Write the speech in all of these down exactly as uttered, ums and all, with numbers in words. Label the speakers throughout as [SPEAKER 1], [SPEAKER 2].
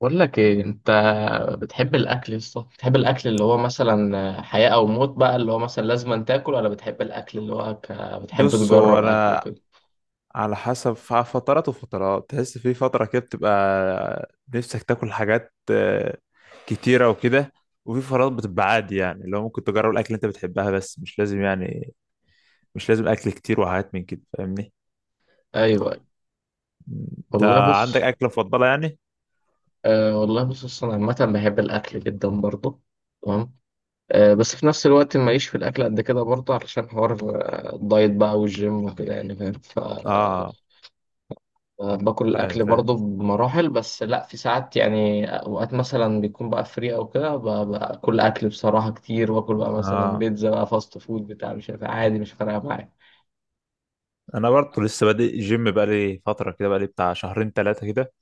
[SPEAKER 1] بقول لك ايه انت، بتحب الاكل لسه؟ بتحب الاكل اللي هو مثلا حياة او موت بقى اللي هو مثلا لازم أن تاكل، ولا بتحب الاكل اللي هو ك... بتحب
[SPEAKER 2] بص هو
[SPEAKER 1] تجرب اكل
[SPEAKER 2] انا
[SPEAKER 1] وكده؟
[SPEAKER 2] على حسب ف- فترات وفترات. تحس في فتره كده بتبقى نفسك تاكل حاجات آه، كتيره وكده. وفي فترات بتبقى عادي، يعني اللي هو ممكن تجرب الاكل اللي انت بتحبها بس مش لازم، يعني مش لازم اكل كتير وحاجات من كده. فاهمني؟
[SPEAKER 1] ايوه أيوة.
[SPEAKER 2] انت
[SPEAKER 1] والله
[SPEAKER 2] عندك
[SPEAKER 1] بص.
[SPEAKER 2] اكله مفضله يعني؟
[SPEAKER 1] آه والله بص، أصل انا عامة بحب الاكل جدا برضه. تمام. آه بس في نفس الوقت ماليش في الاكل قد كده برضه، علشان حوار آه، الدايت بقى والجيم وكده يعني فاهم.
[SPEAKER 2] اه،
[SPEAKER 1] آه، باكل
[SPEAKER 2] فاهم
[SPEAKER 1] الاكل
[SPEAKER 2] فاهم.
[SPEAKER 1] برضه بمراحل، بس لا في ساعات، يعني اوقات مثلا بيكون بقى فري او كده ب- باكل اكل بصراحه كتير، واكل بقى مثلا
[SPEAKER 2] اه،
[SPEAKER 1] بيتزا بقى فاست فود بتاع مش عارف إيه، عادي مش فارقه معايا.
[SPEAKER 2] انا برضه لسه بادئ الجيم بقالي فتره كده، بقالي بتاع شهرين ثلاثه كده.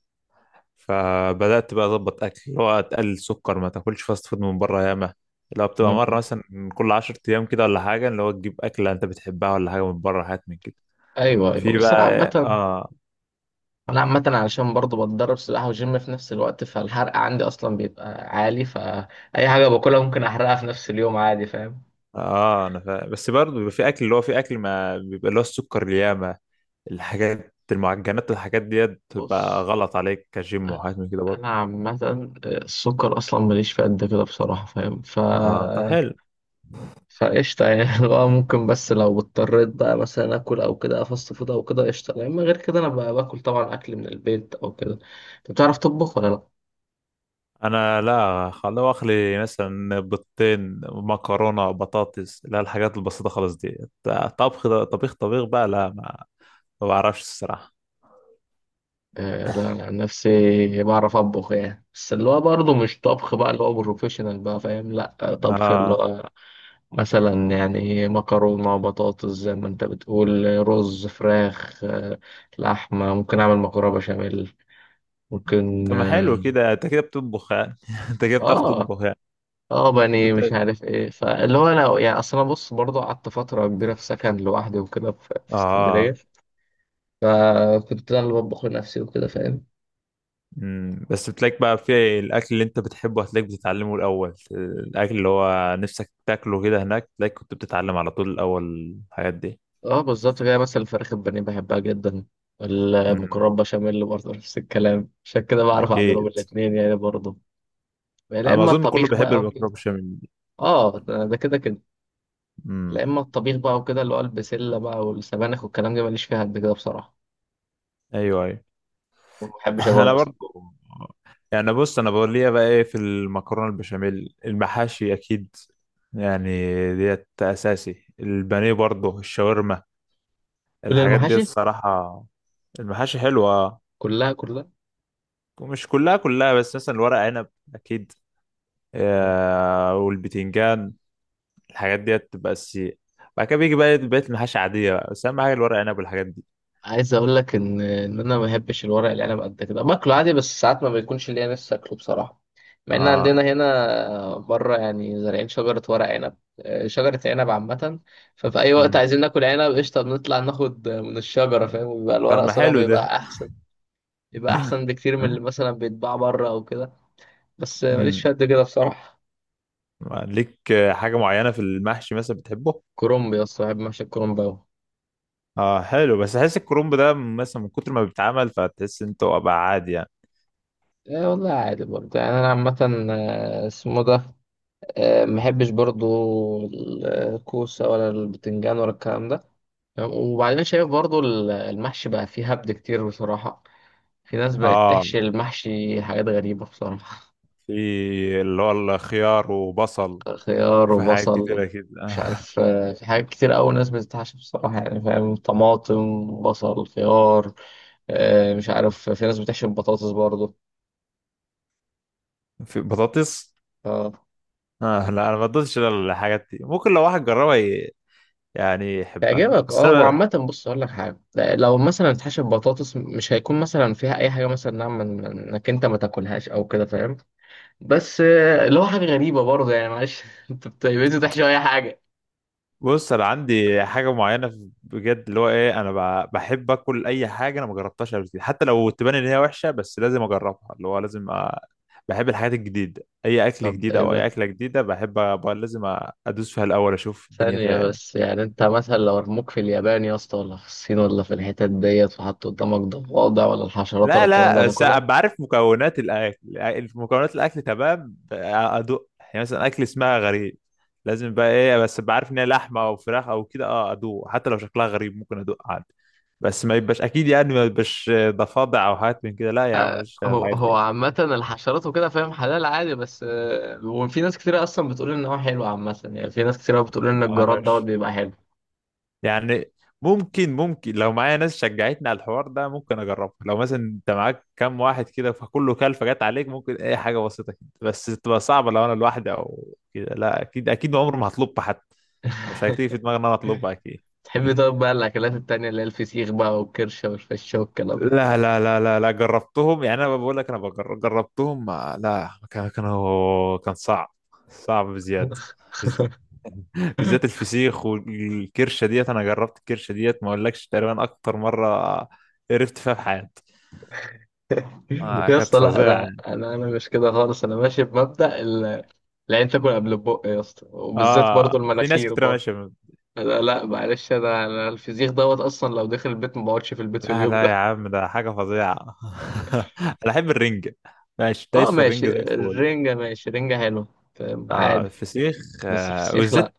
[SPEAKER 2] فبدات بقى اظبط اكل، اللي هو تقلل سكر، ما تاكلش فاست فود من بره، ياما لو بتبقى مره
[SPEAKER 1] م-
[SPEAKER 2] مثلا كل عشر ايام كده ولا حاجه، اللي هو تجيب اكله انت بتحبها ولا حاجه من بره حاجات من كده.
[SPEAKER 1] ايوه ايوه
[SPEAKER 2] في
[SPEAKER 1] بس انا
[SPEAKER 2] بقى
[SPEAKER 1] عامه.
[SPEAKER 2] اه.
[SPEAKER 1] انا عامه علشان برضه بتدرب سباحه وجيم في نفس الوقت، فالحرق عندي اصلا بيبقى عالي، فاي حاجه باكلها ممكن احرقها في نفس اليوم عادي فاهم.
[SPEAKER 2] اه، انا فا... بس برضه بيبقى في اكل، اللي هو في اكل ما بيبقى اللي هو السكر ياما الحاجات المعجنات والحاجات ديت بتبقى
[SPEAKER 1] بص،
[SPEAKER 2] غلط عليك كجيم
[SPEAKER 1] انا
[SPEAKER 2] وحاجات من كده برضه.
[SPEAKER 1] أنا عامه، السكر اصلا ماليش فيه قد كده بصراحه فاهم ف
[SPEAKER 2] اه طب حلو.
[SPEAKER 1] فقشطة يعني اللي هو ممكن، بس لو اضطريت بقى مثلا آكل أو كده فاست فود أو كده قشطة، لأن غير كده أنا بقى باكل طبعا أكل من البيت أو كده. أنت بتعرف تطبخ ولا لأ؟
[SPEAKER 2] انا لا، خلوه اخلي مثلا بيضتين مكرونه بطاطس، لا الحاجات البسيطه خالص دي. طبخ ده- طبيخ طبيخ بقى لا، ما ما بعرفش الصراحه.
[SPEAKER 1] آه لا، أنا عن نفسي بعرف أطبخ يعني، بس اللي هو برضه مش طبخ بقى اللي هو بروفيشنال بقى فاهم. لأ آه، طبخ اللي
[SPEAKER 2] اه
[SPEAKER 1] هو مثلا يعني مكرونة بطاطس زي ما أنت بتقول، آه، رز فراخ، آه، لحمة، ممكن أعمل مكرونة بشاميل ممكن
[SPEAKER 2] طب ما حلو
[SPEAKER 1] آه,
[SPEAKER 2] كده، انت كده بتطبخ يعني. انت كده بتعرف
[SPEAKER 1] آه.
[SPEAKER 2] تطبخ يعني.
[SPEAKER 1] اه بني مش
[SPEAKER 2] بت...
[SPEAKER 1] عارف ايه، فاللي هو انا يعني، اصل انا بص برضه قعدت فتره كبيره في سكن لوحدي وكده في في اسكندريه،
[SPEAKER 2] اه.
[SPEAKER 1] فكنت انا اللي بطبخ لنفسي وكده فاهم.
[SPEAKER 2] أمم، بس بتلاقيك بقى في الاكل اللي انت بتحبه هتلاقيك بتتعلمه الاول، الاكل اللي هو نفسك تاكله كده هناك تلاقيك كنت بتتعلم على طول الاول الحاجات دي.
[SPEAKER 1] اه بالظبط كده، مثلا الفراخ البانيه بحبها جدا. المكرونه
[SPEAKER 2] امم.
[SPEAKER 1] بشاميل برضه نفس الكلام، عشان كده بعرف اعملهم
[SPEAKER 2] اكيد.
[SPEAKER 1] الاثنين يعني برضه. يا
[SPEAKER 2] انا
[SPEAKER 1] اما
[SPEAKER 2] اظن كله
[SPEAKER 1] الطبيخ
[SPEAKER 2] بيحب
[SPEAKER 1] بقى وكده.
[SPEAKER 2] المكرونه بشاميل دي.
[SPEAKER 1] اه ده ده كده كده.
[SPEAKER 2] امم.
[SPEAKER 1] يا اما الطبيخ بقى وكده اللي هو البسله بقى والسبانخ والكلام ده ماليش فيها قد كده بصراحه،
[SPEAKER 2] ايوه ايوه.
[SPEAKER 1] ما بحبش اكلها
[SPEAKER 2] انا
[SPEAKER 1] اصلا.
[SPEAKER 2] برضو يعني. بص انا بقول ليها بقى ايه، في المكرونه البشاميل المحاشي اكيد يعني، ديت اساسي، البانيه برضو، الشاورما
[SPEAKER 1] كل
[SPEAKER 2] الحاجات ديت
[SPEAKER 1] المحاشي،
[SPEAKER 2] الصراحه. المحاشي حلوه آه.
[SPEAKER 1] كلها كلها.
[SPEAKER 2] ومش كلها كلها، بس مثلا الورق عنب اكيد، آه، والبتنجان الحاجات ديت تبقى اساسيه. بعد كده بيجي بقى إيه، بقيه المحاشي عاديه بقى، بس اهم حاجه الورق عنب والحاجات دي.
[SPEAKER 1] عايز اقول لك ان ان انا ما بحبش الورق العنب قد كده، باكله عادي بس ساعات ما بيكونش ليا نفسي اكله بصراحه. مع ان عندنا
[SPEAKER 2] اه.
[SPEAKER 1] هنا بره يعني زارعين شجره ورق عنب، آه، شجره عنب عامه. ففي اي وقت
[SPEAKER 2] أمم.
[SPEAKER 1] عايزين ناكل عنب قشطه بنطلع ناخد من الشجره فاهم، وبيبقى
[SPEAKER 2] طب
[SPEAKER 1] الورق
[SPEAKER 2] ما
[SPEAKER 1] صالح
[SPEAKER 2] حلو ده.
[SPEAKER 1] بيبقى احسن. بيبقى احسن بكتير من اللي مثلا بيتباع بره او كده، بس آه، ماليش
[SPEAKER 2] أمم.
[SPEAKER 1] في قد كده بصراحه.
[SPEAKER 2] ليك حاجة معينة في المحشي مثلا بتحبه؟
[SPEAKER 1] كرنب يا اسطى، بحب محشي الكرنب أوي.
[SPEAKER 2] اه حلو، بس احس الكرنب ده مثلا من كتر ما بيتعمل فتحس انت هو بقى عادي يعني.
[SPEAKER 1] ايه والله عادي برضه يعني، انا عامة، آه، اسمه ده، آه، محبش برضو الكوسة ولا البتنجان ولا الكلام ده. وبعدين شايف برضو ال- المحشي بقى فيه هبد كتير بصراحة، في ناس بقت
[SPEAKER 2] اه،
[SPEAKER 1] تحشي المحشي حاجات غريبة بصراحة.
[SPEAKER 2] في اللي هو الخيار وبصل،
[SPEAKER 1] خيار
[SPEAKER 2] وفي حاجات
[SPEAKER 1] وبصل،
[SPEAKER 2] كتيرة كده.
[SPEAKER 1] مش
[SPEAKER 2] آه.
[SPEAKER 1] عارف، آه، في حاجات كتير أوي ناس بتتحشي بصراحة يعني فاهم، طماطم بصل خيار، آه، مش عارف في ناس بتحشي بطاطس برضو.
[SPEAKER 2] في بطاطس.
[SPEAKER 1] آه.
[SPEAKER 2] اه لا، انا ما بدوتش الحاجات دي، ممكن لو واحد جربها ي- يعني يحبها،
[SPEAKER 1] تعجبك،
[SPEAKER 2] بس
[SPEAKER 1] اه هو
[SPEAKER 2] انا
[SPEAKER 1] عامة بص اقول لك حاجة، لو مثلا اتحشى بطاطس مش هيكون مثلا فيها اي حاجة مثلا نعم من- من- انك انت ما تاكلهاش او كده فاهم، بس آه، اللي هو حاجة غريبة برضه يعني معلش انت بتعمل تحشي اي حاجة؟
[SPEAKER 2] بص، انا عندي حاجه معينه في- بجد، اللي هو ايه، انا ب- بحب اكل اي حاجه انا ما جربتهاش قبل كده، حتى لو تبان ان هي وحشه بس لازم اجربها، اللي هو لازم أ... بحب الحاجات الجديده، اي اكل
[SPEAKER 1] طب
[SPEAKER 2] جديد
[SPEAKER 1] ايه
[SPEAKER 2] او اي
[SPEAKER 1] ده؟
[SPEAKER 2] اكله جديده بحب أ... ب- لازم أ- ادوس فيها الاول اشوف الدنيا
[SPEAKER 1] ثانية
[SPEAKER 2] فيها إيه.
[SPEAKER 1] بس، يعني انت مثلا لو رموك في اليابان يا اسطى ولا في الصين ولا في الحتت ديت، وحط قدامك ضفادع ولا الحشرات ولا
[SPEAKER 2] لا
[SPEAKER 1] الكلام ده
[SPEAKER 2] لا، بس
[SPEAKER 1] هتاكلها؟
[SPEAKER 2] ابقى عارف مكونات الاكل، مكونات الاكل تمام ادوق، يعني مثلا اكل اسمها غريب لازم بقى ايه، بس ابقى عارف ان هي لحمه او فراخ او كده، اه ادوق حتى لو شكلها غريب ممكن ادوق عادي، بس ما يبقاش اكيد، يعني ما يبقاش ضفادع او حاجات من كده، لا يا عم ماليش في
[SPEAKER 1] هو
[SPEAKER 2] الحاجات
[SPEAKER 1] هو
[SPEAKER 2] دي.
[SPEAKER 1] عامة الحشرات وكده فاهم حلال عادي، بس آه، وفي ناس كتير اصلا بتقول ان هو حلو، عامة يعني في ناس كتير بتقول ان الجراد دوت
[SPEAKER 2] معرفش
[SPEAKER 1] بيبقى حلو.
[SPEAKER 2] يعني. ممكن ممكن لو معايا ناس شجعتني على الحوار ده ممكن اجربه، لو مثلا انت معاك كام واحد كده فكله كلفه جت عليك، ممكن اي حاجه بسيطه كده بس تبقى صعبه، لو انا لوحدي او كده لا، اكيد اكيد عمري ما هطلبها، حتى مش هتيجي في دماغي ان انا اطلبها اكيد.
[SPEAKER 1] تحبي طيب بقى الأكلات التانية اللي هي الفسيخ بقى والكرشة والفشة والكلام ده؟
[SPEAKER 2] لا لا لا لا لا، جربتهم يعني، انا بقول لك انا بجر- جربتهم، ما- لا كان، كان هو- كان صعب، صعب بزياده. بز- بالذات الفسيخ والكرشه ديت، انا جربت الكرشه ديت ما اقولكش تقريبا اكتر مره قرفت فيها في حياتي. آه
[SPEAKER 1] يا
[SPEAKER 2] كانت
[SPEAKER 1] اسطى لا،
[SPEAKER 2] فظيعه
[SPEAKER 1] أنا
[SPEAKER 2] يعني.
[SPEAKER 1] أنا أنا مش كده خالص، أنا ماشي بمبدأ ال- العين تاكل قبل البق يا اسطى، وبالذات برضو
[SPEAKER 2] اه في ناس
[SPEAKER 1] المناخير
[SPEAKER 2] كتير
[SPEAKER 1] برضو.
[SPEAKER 2] ماشيه ب-
[SPEAKER 1] لا لا معلش، أنا أنا الفسيخ دوت أصلا لو دخل البيت ما بقعدش في البيت في
[SPEAKER 2] لا
[SPEAKER 1] اليوم
[SPEAKER 2] لا
[SPEAKER 1] ده.
[SPEAKER 2] يا عم، ده حاجه فظيعه. انا احب الرنجه، ماشي
[SPEAKER 1] أه
[SPEAKER 2] دايس في
[SPEAKER 1] ماشي
[SPEAKER 2] الرنجه زي الفل.
[SPEAKER 1] الرنجة، ماشي رنجة حلوة. فاهم؟
[SPEAKER 2] اه
[SPEAKER 1] عادي.
[SPEAKER 2] الفسيخ،
[SPEAKER 1] بس
[SPEAKER 2] آه
[SPEAKER 1] الفسيخ لا.
[SPEAKER 2] وبالذات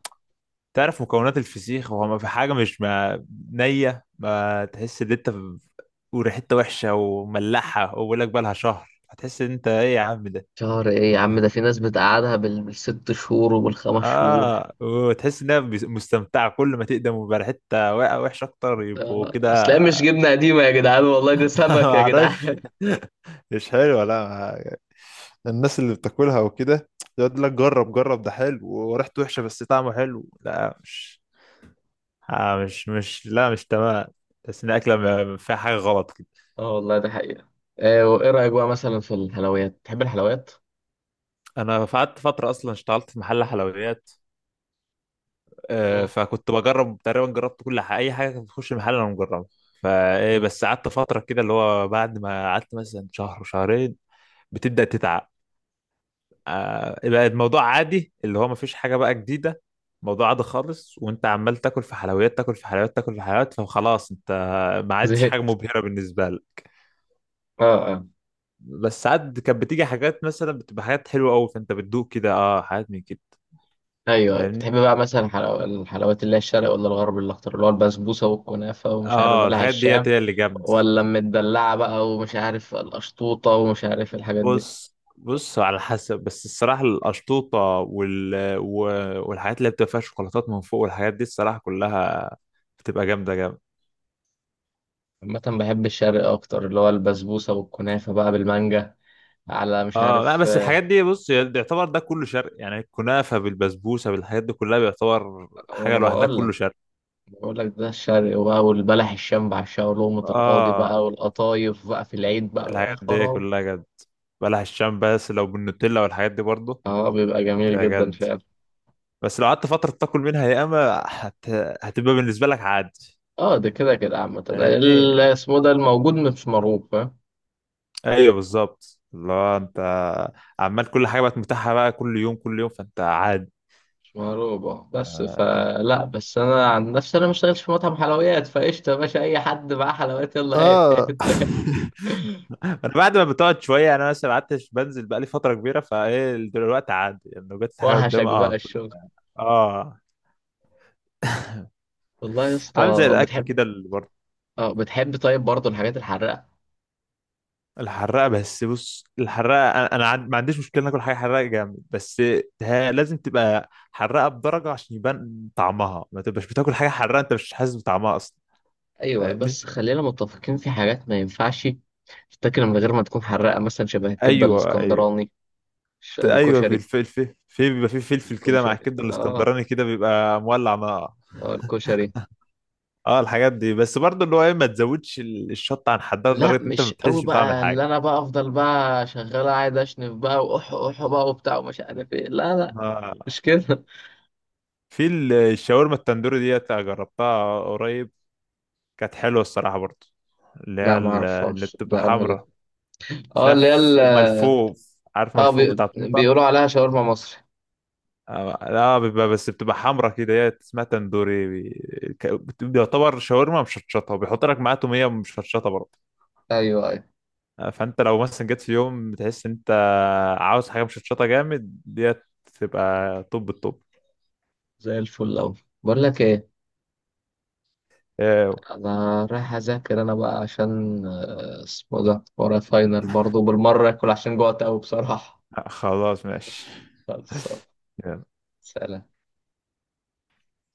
[SPEAKER 2] تعرف مكونات الفسيخ، هو ما في حاجة مش ما نية ما تحس ان انت ب- وريحتها وحشة وملحة، وبقول لك بقالها شهر هتحس ان انت ايه يا عم ده.
[SPEAKER 1] شهر إيه يا عم؟ ده في ناس بتقعدها بال- بالست شهور وبالخمس شهور.
[SPEAKER 2] اه وتحس انها بس- مستمتعة كل ما تقدم ويبقى ريحتها وا- وحشة اكتر يبقوا
[SPEAKER 1] ده- أصل هي
[SPEAKER 2] كده.
[SPEAKER 1] مش جبنة قديمة يا جدعان والله، ده سمك يا
[SPEAKER 2] معرفش.
[SPEAKER 1] جدعان.
[SPEAKER 2] مش حلوه، لا ما- الناس اللي بتاكلها وكده يقعد لك جرب جرب ده حلو وريحته وحشه بس طعمه حلو، لا مش، آه مش مش لا مش تمام. بس ان الاكلة ما- فيها حاجة غلط.
[SPEAKER 1] اه والله ده حقيقة. آه وايه رأيك بقى مثلا في الحلويات؟ تحب الحلويات؟
[SPEAKER 2] انا قعدت فتره اصلا اشتغلت في محل حلويات، آه،
[SPEAKER 1] مم.
[SPEAKER 2] فكنت بجرب تقريبا، جربت كل حاجه اي حاجه كانت بتخش المحل انا مجربها. فايه
[SPEAKER 1] مم.
[SPEAKER 2] بس قعدت فتره كده، اللي هو بعد ما قعدت مثلا شهر وشهرين بتبدا تتعب. آه، بقى الموضوع عادي، اللي هو مفيش حاجه بقى جديده، الموضوع عادي خالص، وانت عمال تاكل في حلويات تاكل في حلويات تاكل في حلويات، فخلاص انت ما عادش حاجه
[SPEAKER 1] زهقت.
[SPEAKER 2] مبهره بالنسبه لك.
[SPEAKER 1] اه اه.
[SPEAKER 2] بس ساعات كانت بتيجي حاجات مثلا بتبقى حاجات حلوه قوي فانت بتدوق كده، اه حاجات من كده.
[SPEAKER 1] ايوه
[SPEAKER 2] فاهمني؟
[SPEAKER 1] بتحب بقى مثلا حلو... الحلويات اللي هي الشرق ولا الغرب؟ اللي اختار اللي هو البسبوسة والكنافة ومش عارف
[SPEAKER 2] اه
[SPEAKER 1] بلح
[SPEAKER 2] الحاجات
[SPEAKER 1] الشام،
[SPEAKER 2] ديت هي اللي جامدة.
[SPEAKER 1] ولا المدلعة بقى ومش عارف القشطوطة ومش عارف الحاجات دي؟
[SPEAKER 2] بص بص على حسب، بس الصراحة القشطوطة وال... و... والحاجات اللي بتبقى فيها شوكولاتات من فوق والحاجات دي الصراحة كلها بتبقى جامدة جامدة.
[SPEAKER 1] عامة بحب الشرق اكتر، اللي هو البسبوسة والكنافة بقى بالمانجا، على مش
[SPEAKER 2] اه لا،
[SPEAKER 1] عارف،
[SPEAKER 2] بس
[SPEAKER 1] آه،
[SPEAKER 2] الحاجات دي بص يعتبر ده كله شرق، يعني الكنافة بالبسبوسة بالحاجات دي كلها بيعتبر حاجة
[SPEAKER 1] وانا
[SPEAKER 2] لوحدها
[SPEAKER 1] بقول.
[SPEAKER 2] كله شرق.
[SPEAKER 1] بقول لك ده الشرق بقى، والبلح الشام بعشقه ولقمة القاضي
[SPEAKER 2] اه
[SPEAKER 1] بقى والقطايف بقى في العيد بقى يا
[SPEAKER 2] الحاجات دي
[SPEAKER 1] خراب.
[SPEAKER 2] كلها جد. بلح الشام بس لو بالنوتيلا والحاجات دي برضه
[SPEAKER 1] اه بيبقى جميل
[SPEAKER 2] بتبقى
[SPEAKER 1] جدا
[SPEAKER 2] جد،
[SPEAKER 1] فعلا.
[SPEAKER 2] بس لو قعدت فترة تاكل منها يا اما هت... هتبقى بالنسبة لك عادي.
[SPEAKER 1] اه ده كده كده عامة، ال-
[SPEAKER 2] فاهمني؟
[SPEAKER 1] اسمه ده الموجود مش مرغوب فاهم.
[SPEAKER 2] ايوه بالظبط، اللي هو انت عمال كل حاجه بقت متاحه بقى، كل يوم كل يوم فانت عادي.
[SPEAKER 1] مش مرغوب اه، بس فلا بس انا عن نفسي انا ما اشتغلش في مطعم حلويات فقشطة يا باشا، اي حد معاه حلويات يلا هات
[SPEAKER 2] اه.
[SPEAKER 1] هات هات.
[SPEAKER 2] انا بعد ما بتقعد شويه، انا مثلا قعدت بنزل بقى لي فتره كبيره، فايه دلوقتي عادي، يعني لو جت حاجه
[SPEAKER 1] وحشك
[SPEAKER 2] قدامي اه
[SPEAKER 1] بقى
[SPEAKER 2] هاكل.
[SPEAKER 1] الشغل.
[SPEAKER 2] اه،
[SPEAKER 1] والله يا
[SPEAKER 2] عامل زي
[SPEAKER 1] اسطى
[SPEAKER 2] الاكل
[SPEAKER 1] بتحب.
[SPEAKER 2] كده اللي برضه.
[SPEAKER 1] اه بتحب طيب برضه الحاجات الحراقة؟
[SPEAKER 2] الحراقه بس، بص الحراقه انا، انا عن- ما عنديش مشكله ناكل حاجه حراقه جامد، بس ها- لازم تبقى حراقه بدرجه عشان يبان طعمها، ما تبقاش بتاكل حاجه حراقه انت مش حاسس بطعمها اصلا.
[SPEAKER 1] ايوه،
[SPEAKER 2] فاهمني؟
[SPEAKER 1] بس خلينا متفقين في حاجات ما ينفعش تتاكل من غير ما تكون حراقه، مثلا شبه الكبده
[SPEAKER 2] ايوه ايوه.
[SPEAKER 1] الاسكندراني، ش-
[SPEAKER 2] ايوه
[SPEAKER 1] الكشري.
[SPEAKER 2] بالفلفل، في بيبقى في فلفل كده مع
[SPEAKER 1] الكشري
[SPEAKER 2] الكبده
[SPEAKER 1] اه.
[SPEAKER 2] الاسكندراني كده بيبقى مولع نار.
[SPEAKER 1] اه الكشري.
[SPEAKER 2] اه الحاجات دي، بس برضه اللي هو ايه، ما تزودش ال- الشطه عن حدها
[SPEAKER 1] لا
[SPEAKER 2] لدرجه ان انت ما
[SPEAKER 1] مش قوي
[SPEAKER 2] بتحسش بطعم
[SPEAKER 1] بقى،
[SPEAKER 2] الحاجه.
[SPEAKER 1] اللي انا بقى افضل بقى شغال قاعد اشنف بقى واح اح بقى وبتاع ومش عارف ايه، لا لا
[SPEAKER 2] آه.
[SPEAKER 1] مش كده
[SPEAKER 2] في ال- الشاورما التندوري ديت جربتها قريب، كانت حلوه الصراحه برضه، اللي هي
[SPEAKER 1] لا ما
[SPEAKER 2] ال- اللي
[SPEAKER 1] اعرفهاش
[SPEAKER 2] بتبقى
[SPEAKER 1] ده انا دي.
[SPEAKER 2] حمرا،
[SPEAKER 1] اه اللي هي ال-
[SPEAKER 2] تلف ملفوف، عارف
[SPEAKER 1] اه
[SPEAKER 2] ملفوف
[SPEAKER 1] بي...
[SPEAKER 2] بتاع طنطا.
[SPEAKER 1] بيقولوا عليها شاورما مصري.
[SPEAKER 2] آه، لا بيبقى، بس بتبقى حمرا كده، هي اسمها تندوري بي- ك- بت- بيعتبر شاورما مشطشطه، وبيحط لك معاه توميه مشطشطه برضه.
[SPEAKER 1] ايوه ايوه.
[SPEAKER 2] فانت لو مثلا جيت في يوم بتحس ان انت عاوز حاجه مشطشطه جامد ديت تبقى طب الطب.
[SPEAKER 1] زي الفل اوي. بقول لك ايه،
[SPEAKER 2] آه،
[SPEAKER 1] انا رايح اذاكر انا بقى عشان آه، اسمه ده ورايا فاينل برضه بالمره، اكل عشان جوعت قوي بصراحه.
[SPEAKER 2] خلاص ماشي.
[SPEAKER 1] خلاص. سلام.